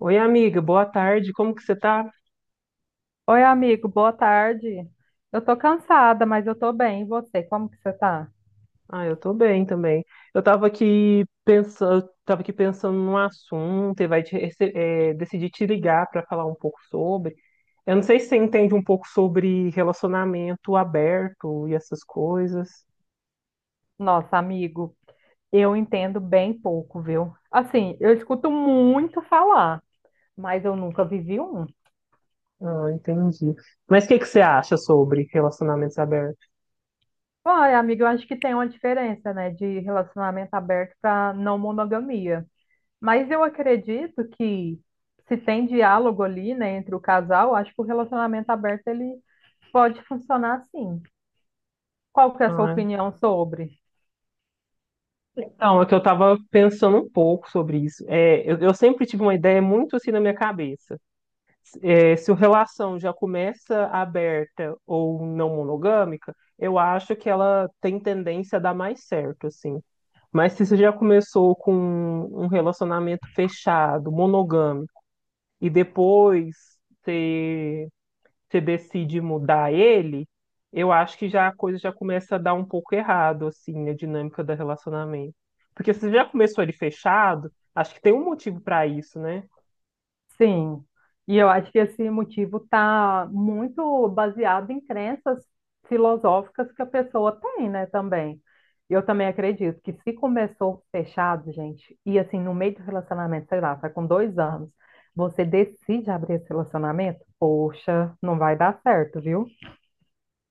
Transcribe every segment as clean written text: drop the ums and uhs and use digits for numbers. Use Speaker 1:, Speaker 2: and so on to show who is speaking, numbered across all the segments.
Speaker 1: Oi, amiga, boa tarde. Como que você tá?
Speaker 2: Oi, amigo, boa tarde. Eu tô cansada, mas eu tô bem. E você, como que você tá?
Speaker 1: Ah, eu tô bem também. Eu tava aqui pensando num assunto e vai te, rece- é, decidi te ligar para falar um pouco sobre. Eu não sei se você entende um pouco sobre relacionamento aberto e essas coisas.
Speaker 2: Nossa, amigo, eu entendo bem pouco, viu? Assim, eu escuto muito falar, mas eu nunca vivi um.
Speaker 1: Ah, entendi. Mas o que que você acha sobre relacionamentos abertos?
Speaker 2: Olha, amiga, eu acho que tem uma diferença, né, de relacionamento aberto para não monogamia. Mas eu acredito que se tem diálogo ali, né, entre o casal, acho que o relacionamento aberto ele pode funcionar sim. Qual que é a sua
Speaker 1: Ah,
Speaker 2: opinião sobre?
Speaker 1: então, é que eu tava pensando um pouco sobre isso. É, eu sempre tive uma ideia muito assim na minha cabeça. Se a relação já começa aberta ou não monogâmica, eu acho que ela tem tendência a dar mais certo, assim. Mas se você já começou com um relacionamento fechado, monogâmico, e depois você, você decide mudar ele, eu acho que já a coisa já começa a dar um pouco errado, assim, a dinâmica do relacionamento. Porque se você já começou ele fechado, acho que tem um motivo para isso, né?
Speaker 2: Sim, e eu acho que esse motivo está muito baseado em crenças filosóficas que a pessoa tem, né, também. Eu também acredito que se começou fechado, gente, e assim, no meio do relacionamento, sei lá, tá com dois anos, você decide abrir esse relacionamento, poxa, não vai dar certo, viu?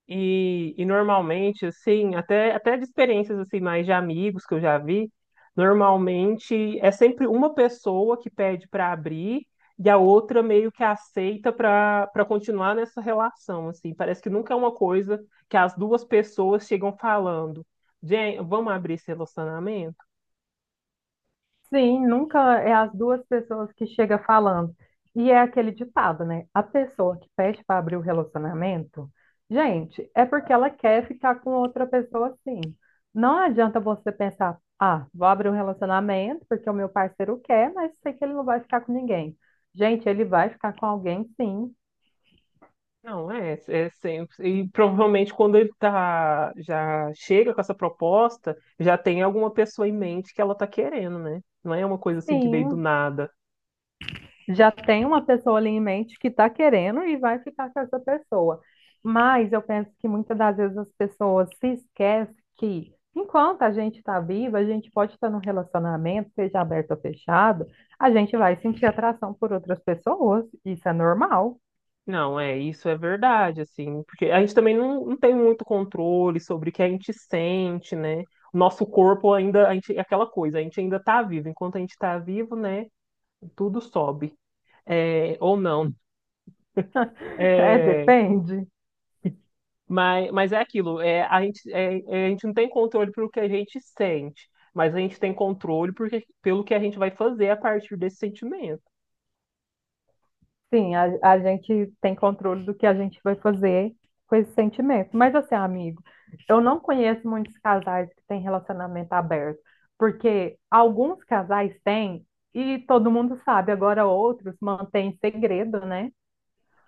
Speaker 1: E normalmente, assim, até de experiências assim, mais de amigos que eu já vi, normalmente é sempre uma pessoa que pede para abrir e a outra meio que aceita para continuar nessa relação, assim. Parece que nunca é uma coisa que as duas pessoas chegam falando, gente, vamos abrir esse relacionamento?
Speaker 2: Sim, nunca é as duas pessoas que chega falando. E é aquele ditado, né? A pessoa que pede para abrir o relacionamento, gente, é porque ela quer ficar com outra pessoa assim. Não adianta você pensar, ah, vou abrir um relacionamento porque o meu parceiro quer, mas sei que ele não vai ficar com ninguém. Gente, ele vai ficar com alguém, sim,
Speaker 1: Não, é, é sempre. E provavelmente quando ele tá, já chega com essa proposta, já tem alguma pessoa em mente que ela tá querendo, né? Não é uma coisa assim que veio do
Speaker 2: sim.
Speaker 1: nada.
Speaker 2: Já tem uma pessoa ali em mente que está querendo e vai ficar com essa pessoa. Mas eu penso que muitas das vezes as pessoas se esquecem que, enquanto a gente está viva, a gente pode estar num relacionamento, seja aberto ou fechado, a gente vai sentir atração por outras pessoas. Isso é normal.
Speaker 1: Não, é, isso é verdade, assim, porque a gente também não tem muito controle sobre o que a gente sente, né? O nosso corpo ainda, a gente, é aquela coisa, a gente ainda tá vivo. Enquanto a gente tá vivo, né? Tudo sobe. É, ou não.
Speaker 2: É,
Speaker 1: É,
Speaker 2: depende.
Speaker 1: mas é aquilo, é, a gente, a gente não tem controle pelo que a gente sente, mas a gente tem controle pelo que a gente vai fazer a partir desse sentimento.
Speaker 2: Sim, a gente tem controle do que a gente vai fazer com esse sentimento. Mas assim, amigo, eu não conheço muitos casais que têm relacionamento aberto, porque alguns casais têm e todo mundo sabe, agora outros mantêm segredo, né?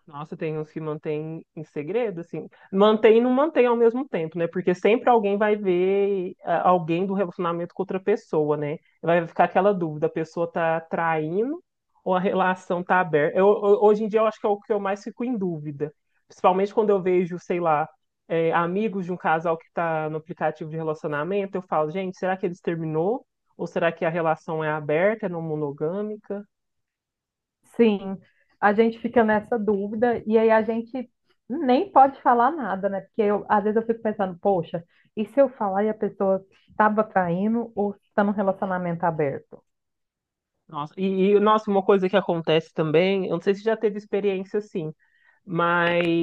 Speaker 1: Nossa, tem uns que mantêm em segredo, assim. Mantém e não mantém ao mesmo tempo, né? Porque sempre alguém vai ver ah, alguém do relacionamento com outra pessoa, né? Vai ficar aquela dúvida, a pessoa tá traindo ou a relação tá aberta? Hoje em dia eu acho que é o que eu mais fico em dúvida. Principalmente quando eu vejo, sei lá, amigos de um casal que tá no aplicativo de relacionamento, eu falo, gente, será que eles terminou? Ou será que a relação é aberta, é não monogâmica?
Speaker 2: Sim, a gente fica nessa dúvida e aí a gente nem pode falar nada, né? Porque eu, às vezes eu fico pensando, poxa, e se eu falar e a pessoa estava traindo ou está num relacionamento aberto?
Speaker 1: Nossa, e nossa, uma coisa que acontece também, eu não sei se já teve experiência assim, mas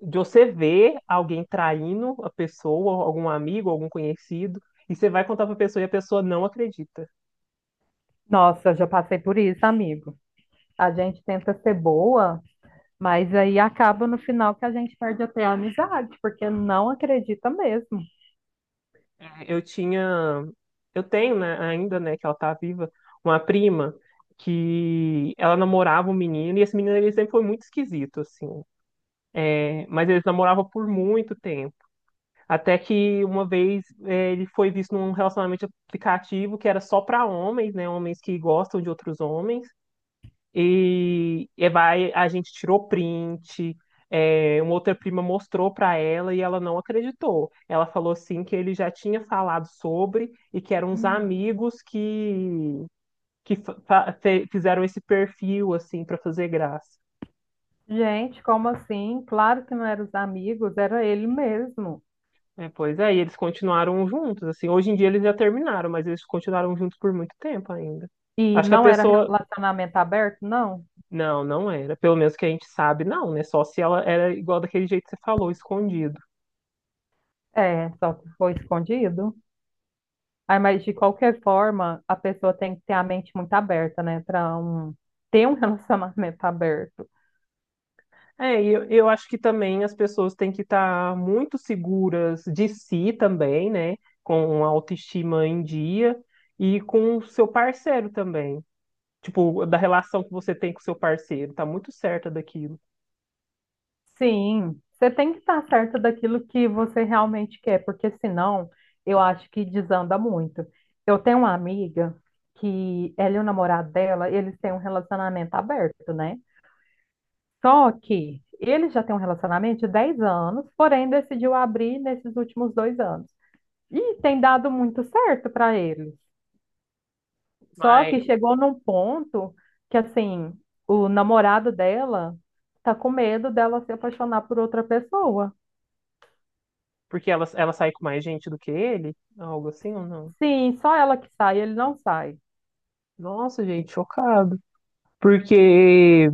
Speaker 1: de você ver alguém traindo a pessoa, algum amigo, algum conhecido, e você vai contar pra pessoa e a pessoa não acredita.
Speaker 2: Nossa, eu já passei por isso, amigo. A gente tenta ser boa, mas aí acaba no final que a gente perde até a amizade, porque não acredita mesmo.
Speaker 1: É, eu tinha, eu tenho, né, ainda, né, que ela tá viva, uma prima que ela namorava um menino, e esse menino ele sempre foi muito esquisito, assim, é, mas eles namoravam por muito tempo. Até que uma vez ele foi visto num relacionamento aplicativo que era só para homens, né? Homens que gostam de outros homens. A gente tirou print, uma outra prima mostrou para ela e ela não acreditou. Ela falou assim que ele já tinha falado sobre e que eram uns amigos que fizeram esse perfil assim para fazer graça.
Speaker 2: Gente, como assim? Claro que não eram os amigos, era ele mesmo.
Speaker 1: É, pois é, e eles continuaram juntos, assim, hoje em dia eles já terminaram, mas eles continuaram juntos por muito tempo ainda.
Speaker 2: E
Speaker 1: Acho que a
Speaker 2: não era
Speaker 1: pessoa,
Speaker 2: relacionamento aberto, não?
Speaker 1: não era, pelo menos que a gente sabe, não, né, só se ela era igual daquele jeito que você falou, escondido.
Speaker 2: É, só que foi escondido. Aí, mas de qualquer forma, a pessoa tem que ter a mente muito aberta, né, para um, ter um relacionamento aberto.
Speaker 1: É, e eu acho que também as pessoas têm que estar muito seguras de si também, né, com uma autoestima em dia e com o seu parceiro também. Tipo, da relação que você tem com o seu parceiro, tá muito certa daquilo.
Speaker 2: Sim, você tem que estar certa daquilo que você realmente quer, porque senão eu acho que desanda muito. Eu tenho uma amiga que ela e o namorado dela, eles têm um relacionamento aberto, né? Só que ele já tem um relacionamento de 10 anos, porém decidiu abrir nesses últimos 2 anos. E tem dado muito certo para eles. Só que
Speaker 1: Mas
Speaker 2: chegou num ponto que, assim, o namorado dela tá com medo dela se apaixonar por outra pessoa.
Speaker 1: porque ela sai com mais gente do que ele? Algo assim ou não?
Speaker 2: Sim, só ela que sai, ele não sai.
Speaker 1: Nossa, gente, chocado. Porque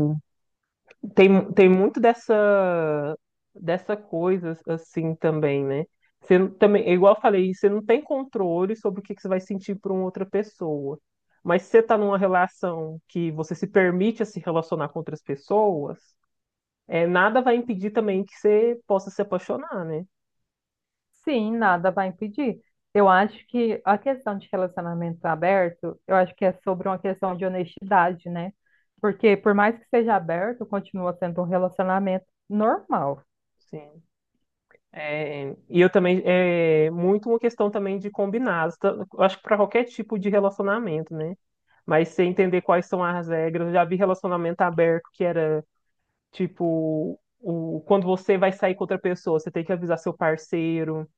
Speaker 1: tem muito dessa, dessa coisa assim também, né? Você não- também, é igual eu falei, você não tem controle sobre o que que você vai sentir por uma outra pessoa. Mas se você tá numa relação que você se permite a se relacionar com outras pessoas, é, nada vai impedir também que você possa se apaixonar, né?
Speaker 2: Sim, nada vai impedir. Eu acho que a questão de relacionamento aberto, eu acho que é sobre uma questão de honestidade, né? Porque por mais que seja aberto, continua sendo um relacionamento normal.
Speaker 1: Sim. É, e eu também é muito uma questão também de combinar. Eu acho que para qualquer tipo de relacionamento, né? Mas você entender quais são as regras. Eu já vi relacionamento aberto que era tipo o, quando você vai sair com outra pessoa, você tem que avisar seu parceiro.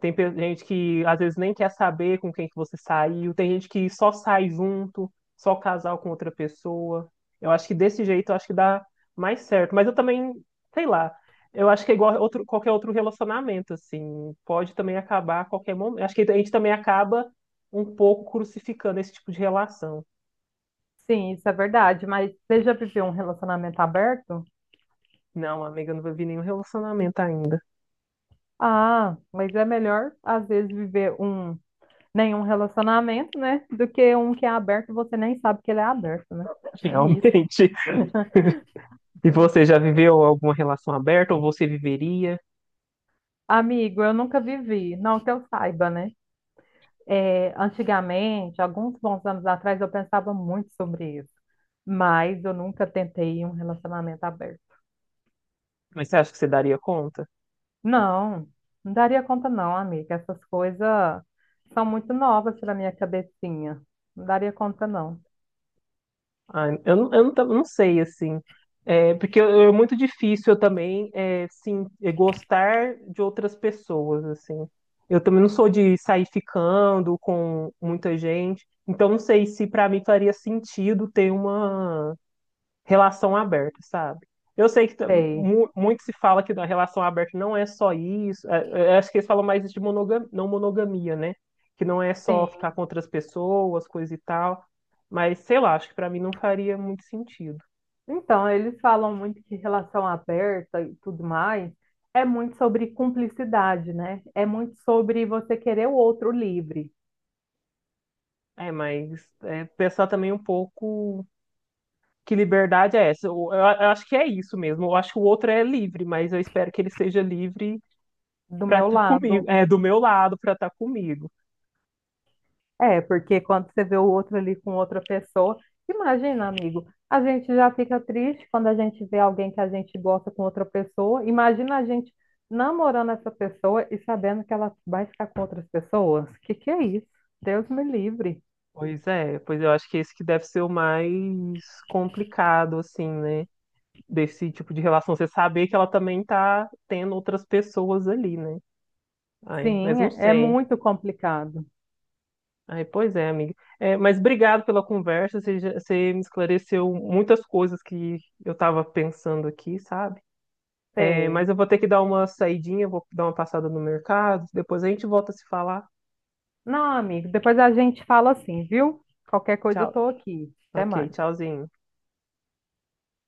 Speaker 1: Gente que às vezes nem quer saber com quem que você saiu, tem gente que só sai junto, só casal com outra pessoa. Eu acho que desse jeito eu acho que dá mais certo. Mas eu também, sei lá, eu acho que é igual outro, qualquer outro relacionamento, assim, pode também acabar a qualquer momento. Acho que a gente também acaba um pouco crucificando esse tipo de relação.
Speaker 2: Sim, isso é verdade, mas você já viveu um relacionamento aberto?
Speaker 1: Não, amiga, eu não vivi nenhum relacionamento ainda,
Speaker 2: Ah, mas é melhor às vezes viver um nenhum relacionamento, né? Do que um que é aberto e você nem sabe que ele é aberto, né? Tem
Speaker 1: realmente.
Speaker 2: isso.
Speaker 1: E você já viveu alguma relação aberta ou você viveria?
Speaker 2: Amigo, eu nunca vivi, não que eu saiba, né? É, antigamente, alguns bons anos atrás, eu pensava muito sobre isso, mas eu nunca tentei um relacionamento aberto.
Speaker 1: Mas você acha que você daria conta?
Speaker 2: Não, não daria conta, não, amiga. Essas coisas são muito novas para minha cabecinha. Não daria conta, não.
Speaker 1: Ai, eu, eu não, não sei, assim. É, porque é muito difícil eu também, gostar de outras pessoas, assim. Eu também não sou de sair ficando com muita gente. Então, não sei se para mim faria sentido ter uma relação aberta, sabe? Eu sei que
Speaker 2: Sei,
Speaker 1: muito se fala que na relação aberta não é só isso. Acho que eles falam mais de monogamia, não monogamia, né? Que não é só ficar
Speaker 2: sim.
Speaker 1: com outras pessoas, coisa e tal. Mas sei lá, acho que pra mim não faria muito sentido.
Speaker 2: Então, eles falam muito que relação aberta e tudo mais é muito sobre cumplicidade, né? É muito sobre você querer o outro livre.
Speaker 1: É, mas é, pensar também um pouco que liberdade é essa. Eu acho que é isso mesmo. Eu acho que o outro é livre, mas eu espero que ele seja livre
Speaker 2: Do meu
Speaker 1: para comigo,
Speaker 2: lado.
Speaker 1: é, do meu lado, para estar comigo.
Speaker 2: É, porque quando você vê o outro ali com outra pessoa, imagina, amigo, a gente já fica triste quando a gente vê alguém que a gente gosta com outra pessoa. Imagina a gente namorando essa pessoa e sabendo que ela vai ficar com outras pessoas. Que é isso? Deus me livre.
Speaker 1: Pois é, pois eu acho que esse que deve ser o mais complicado, assim, né? Desse tipo de relação. Você saber que ela também tá tendo outras pessoas ali, né? Ai, mas
Speaker 2: Sim,
Speaker 1: não
Speaker 2: é é
Speaker 1: sei.
Speaker 2: muito complicado.
Speaker 1: Ai, pois é, amiga. É, mas obrigado pela conversa. Você, você me esclareceu muitas coisas que eu estava pensando aqui, sabe? É,
Speaker 2: Sei.
Speaker 1: mas eu vou ter que dar uma saidinha, vou dar uma passada no mercado. Depois a gente volta a se falar.
Speaker 2: Não, amigo, depois a gente fala assim, viu? Qualquer coisa eu
Speaker 1: Tchau.
Speaker 2: tô aqui. Até
Speaker 1: Ok,
Speaker 2: mais.
Speaker 1: tchauzinho.